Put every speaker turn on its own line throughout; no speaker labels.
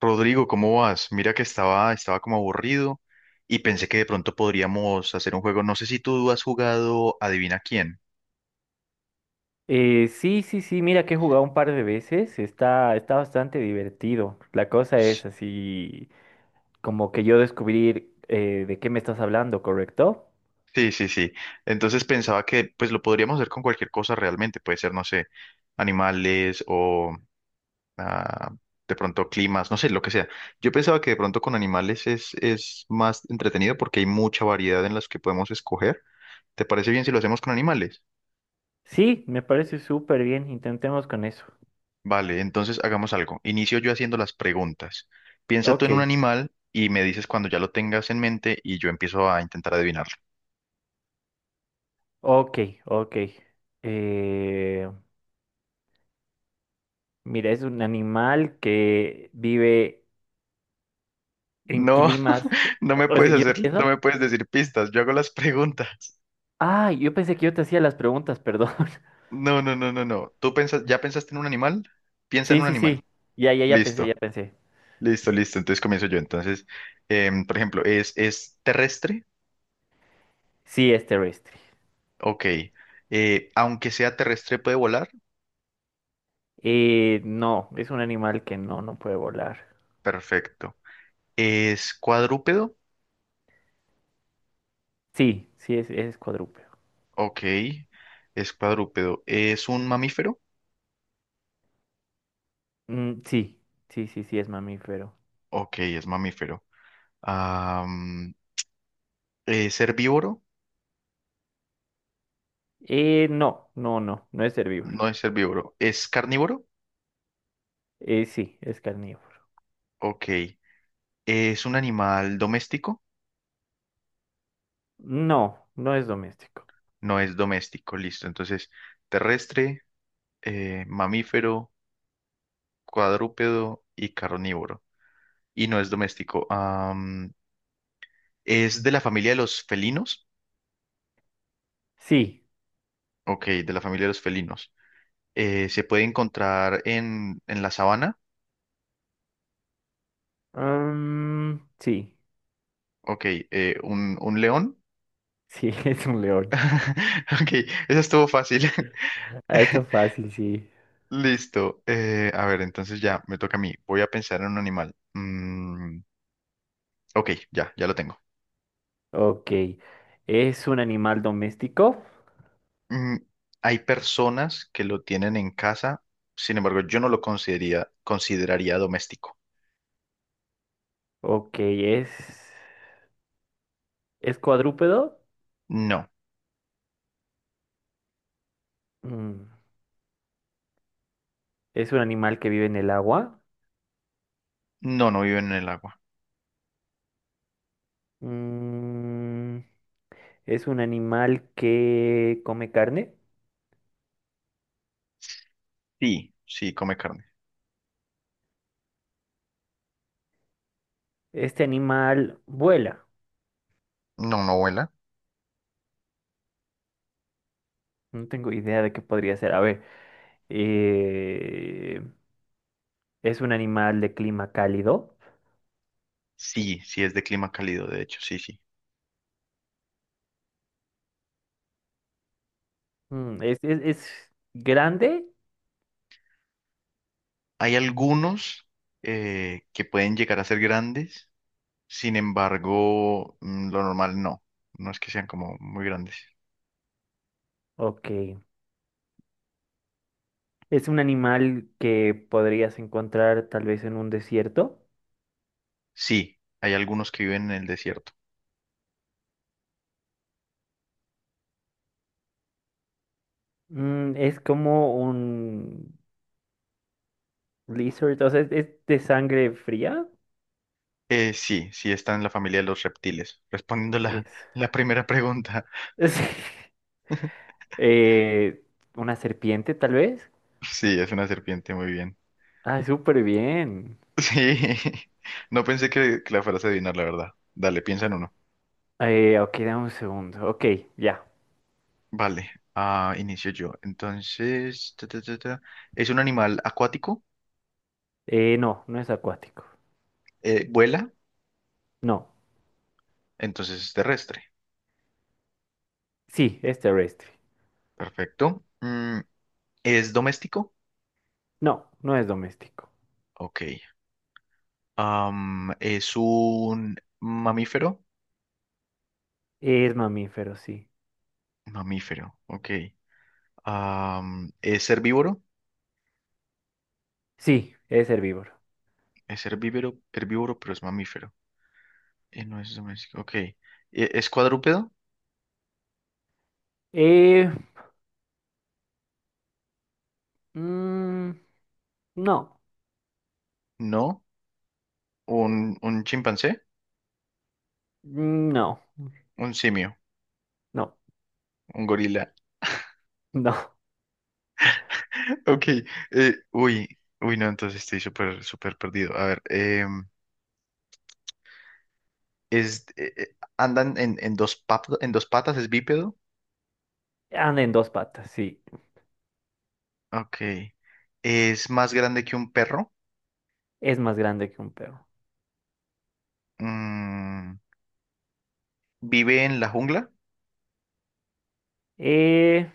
Rodrigo, ¿cómo vas? Mira que estaba como aburrido y pensé que de pronto podríamos hacer un juego. No sé si tú has jugado Adivina quién.
Sí, sí, sí, mira que he jugado un par de veces, está bastante divertido. La cosa es así, como que yo descubrir de qué me estás hablando, ¿correcto?
Sí, sí, sí. Entonces pensaba que pues lo podríamos hacer con cualquier cosa realmente. Puede ser, no sé, animales o ah, de pronto climas, no sé, lo que sea. Yo pensaba que de pronto con animales es más entretenido porque hay mucha variedad en las que podemos escoger. ¿Te parece bien si lo hacemos con animales?
Sí, me parece súper bien, intentemos con eso.
Vale, entonces hagamos algo. Inicio yo haciendo las preguntas. Piensa tú
Ok,
en un animal y me dices cuando ya lo tengas en mente y yo empiezo a intentar adivinarlo.
ok, ok. Eh, Mira, es un animal que vive en
No,
climas...
no me
O sea,
puedes
¿yo
hacer, no
empiezo?
me puedes decir pistas, yo hago las preguntas.
Ah, yo pensé que yo te hacía las preguntas, perdón.
No, no, no, no, no. ¿Tú pensas, ya pensaste en un animal? Piensa en
Sí,
un
sí, sí,
animal.
ya, ya, ya pensé, ya
Listo,
pensé.
listo, listo. Entonces comienzo yo. Entonces, por ejemplo, ¿es terrestre?
Sí, es terrestre.
Ok. Aunque sea terrestre, ¿puede volar?
No, es un animal que no puede volar.
Perfecto. ¿Es cuadrúpedo?
Sí, sí es cuadrúpedo.
Ok, es cuadrúpedo. ¿Es un mamífero?
Mm, sí, sí, sí, sí es mamífero.
Ok, es mamífero. Am, ¿es herbívoro?
No, no, no, no es
No
herbívoro.
es herbívoro. ¿Es carnívoro?
Sí, es carnívoro.
Ok. ¿Es un animal doméstico?
No, no es doméstico.
No es doméstico, listo. Entonces, terrestre, mamífero, cuadrúpedo y carnívoro. Y no es doméstico. Am, ¿es de la familia de los felinos?
Sí,
Ok, de la familia de los felinos. ¿Se puede encontrar en la sabana?
mm, sí,
Ok, un león.
sí, es un león.
Ok, eso estuvo fácil.
Ah, está fácil, sí.
Listo. Eh, a ver, entonces ya me toca a mí. Voy a pensar en un animal. Mm, ok, ya, ya lo tengo.
Ok, ¿es un animal doméstico?
Mm, hay personas que lo tienen en casa, sin embargo, yo no lo consideraría doméstico.
Ok, ¿es cuadrúpedo?
No,
Mm, ¿Es un animal que vive en el agua?
no, no viven en el agua.
Mm, Es un animal que come carne.
Sí, sí, come carne.
Este animal vuela.
No, no vuela.
No tengo idea de qué podría ser. A ver, eh, es un animal de clima cálido.
Sí, sí, es de clima cálido, de hecho, sí, sí.
Mm, ¿Es grande?
Hay algunos que pueden llegar a ser grandes. Sin embargo, mm, lo normal no. No es que sean como muy grandes.
Ok. ¿Es un animal que podrías encontrar tal vez en un desierto?
Sí, hay algunos que viven en el desierto.
Mm, ¿es como un lizard? O sea, ¿es de sangre fría?
Sí, sí están en la familia de los reptiles. Respondiendo la,
Es.
la primera pregunta.
Sí. Eh, ¿Una serpiente tal vez?
Sí, es una serpiente, muy bien.
Ah, súper bien.
Sí, no pensé que la fueras a adivinar, la verdad. Dale, piensa en uno.
Ok, dame un segundo. Ok, ya.
Vale, ah, inicio yo. Entonces, ta, ta, ta, ta. ¿Es un animal acuático?
No, no es acuático.
¿Vuela?
No.
Entonces es terrestre.
Sí, es terrestre.
Perfecto. Mm, ¿es doméstico?
No, no es doméstico.
Ok. Am, es un mamífero.
Es mamífero, sí.
Mamífero, ok. Am, es herbívoro.
Sí, es herbívoro.
Es herbívoro, herbívoro, pero es mamífero. Y no es doméstico, ok. E- ¿es cuadrúpedo?
Eh, mm, no.
No. ¿Un chimpancé?
Mm, no.
Un simio.
No.
Un gorila.
No.
Ok. Eh, uy, uy, no, entonces estoy súper, súper perdido. A ver, em, es, ¿andan en dos patas en dos patas? ¿Es bípedo?
Anda en dos patas, sí.
Ok. ¿Es más grande que un perro?
Es más grande que un perro.
Mm, vive en la jungla,
Eh,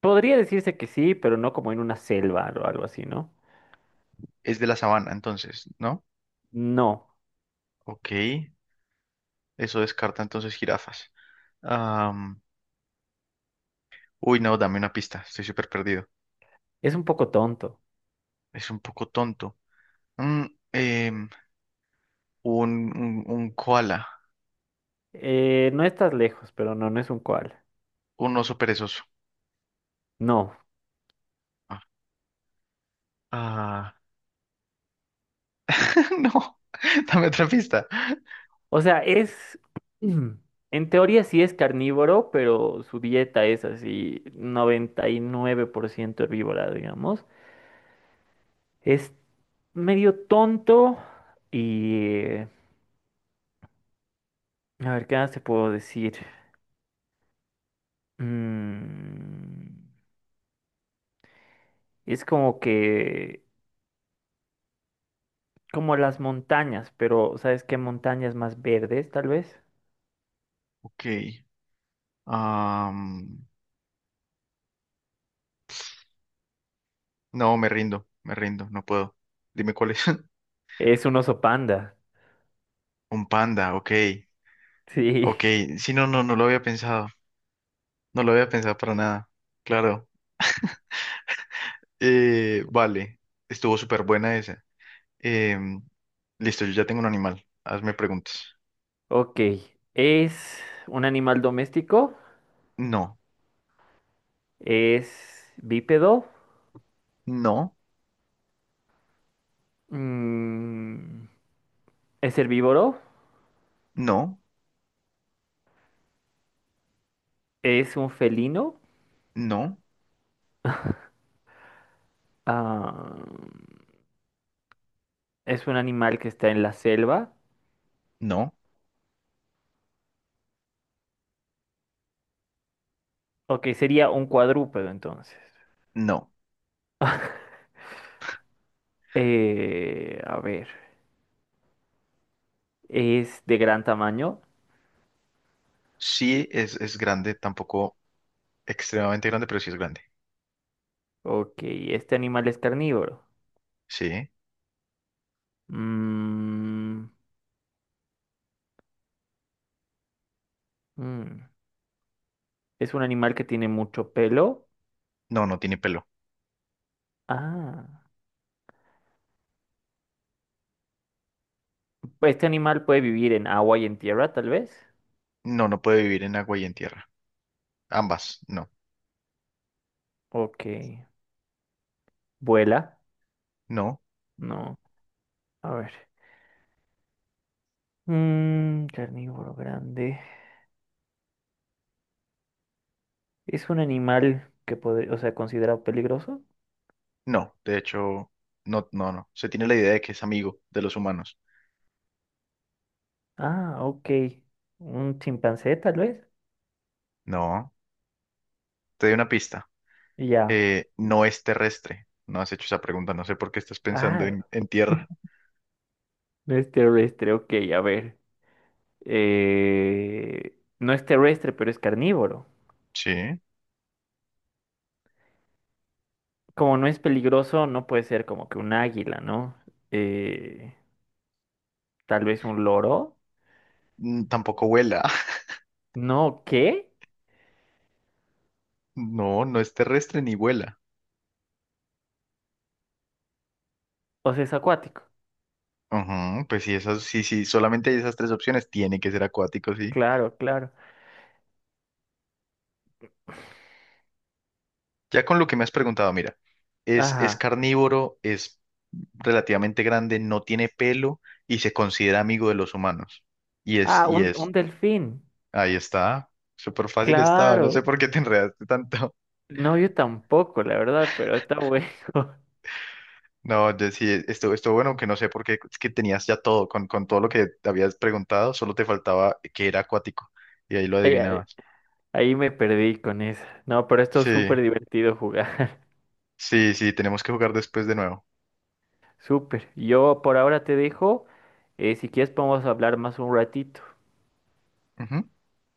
Podría decirse que sí, pero no como en una selva o algo así, ¿no?
es de la sabana, entonces, ¿no?
No.
Ok, eso descarta entonces jirafas. Am, uy, no, dame una pista, estoy súper perdido.
Es un poco tonto.
Es un poco tonto. Mm, em, un koala,
No estás lejos, pero no es un koala.
un oso perezoso.
No.
Ah, ah, no, dame otra pista.
O sea, es. En teoría sí es carnívoro, pero su dieta es así 99% herbívora, digamos. Es medio tonto y... eh, a ver, ¿qué más te puedo decir? Mm, es como que... Como las montañas, pero ¿sabes qué montañas más verdes, tal vez?
Ok, am, no, me rindo, no puedo. Dime cuál es.
Es un oso panda.
Un panda, ok,
Sí.
ok. Sí, no, no, no lo había pensado, no lo había pensado para nada. Claro. Vale, estuvo súper buena esa. Em, listo, yo ya tengo un animal. Hazme preguntas.
Ok. Es un animal doméstico.
No,
Es bípedo.
no,
Mm, es herbívoro.
no,
Es un felino.
no,
Ah, es un animal que está en la selva.
no,
Ok, sería un cuadrúpedo entonces.
no.
A ver. Es de gran tamaño.
Sí es grande, tampoco extremadamente grande, pero sí es grande.
Ok, este animal es carnívoro.
Sí.
Mm, mm, es un animal que tiene mucho pelo.
No, no tiene pelo.
Ah, pues este animal puede vivir en agua y en tierra, tal vez.
No, no puede vivir en agua y en tierra. Ambas, no,
Ok, vuela.
no,
No, a ver. Mm, carnívoro grande. ¿Es un animal que puede, o sea, considerado peligroso?
no. De hecho, no, no, no. Se tiene la idea de que es amigo de los humanos.
Ah, ok. Un chimpancé, tal vez.
No, te doy una pista.
Ya.
Eh, no es terrestre. No has hecho esa pregunta, no sé por qué estás pensando
Ah,
en tierra.
no es terrestre, ok, a ver. No es terrestre, pero es carnívoro.
Sí.
Como no es peligroso, no puede ser como que un águila, ¿no? Eh, tal vez un loro.
Mm, tampoco vuela.
No, ¿qué?
No, no es terrestre ni vuela.
O sea, es acuático.
Ujú, pues sí, esas, sí, sí, solamente hay esas tres opciones. Tiene que ser acuático, sí.
Claro, claro.
Ya con lo que me has preguntado, mira, es
Ajá.
carnívoro, es relativamente grande, no tiene pelo y se considera amigo de los humanos.
Ah,
Y es,
un delfín.
ahí está. Súper fácil estaba, no
Claro.
sé por qué te enredaste tanto.
No, yo tampoco, la verdad, pero está bueno.
No, de- sí, esto bueno, aunque no sé por qué, es que tenías ya todo, con todo lo que te habías preguntado, solo te faltaba que era acuático, y ahí lo
Ahí, ahí-
adivinabas.
ahí me perdí con esa. No, pero esto es
Sí,
súper divertido jugar.
sí, sí, tenemos que jugar después de nuevo.
Súper. Yo por ahora te dejo. Si quieres podemos hablar más un ratito.
Ujú.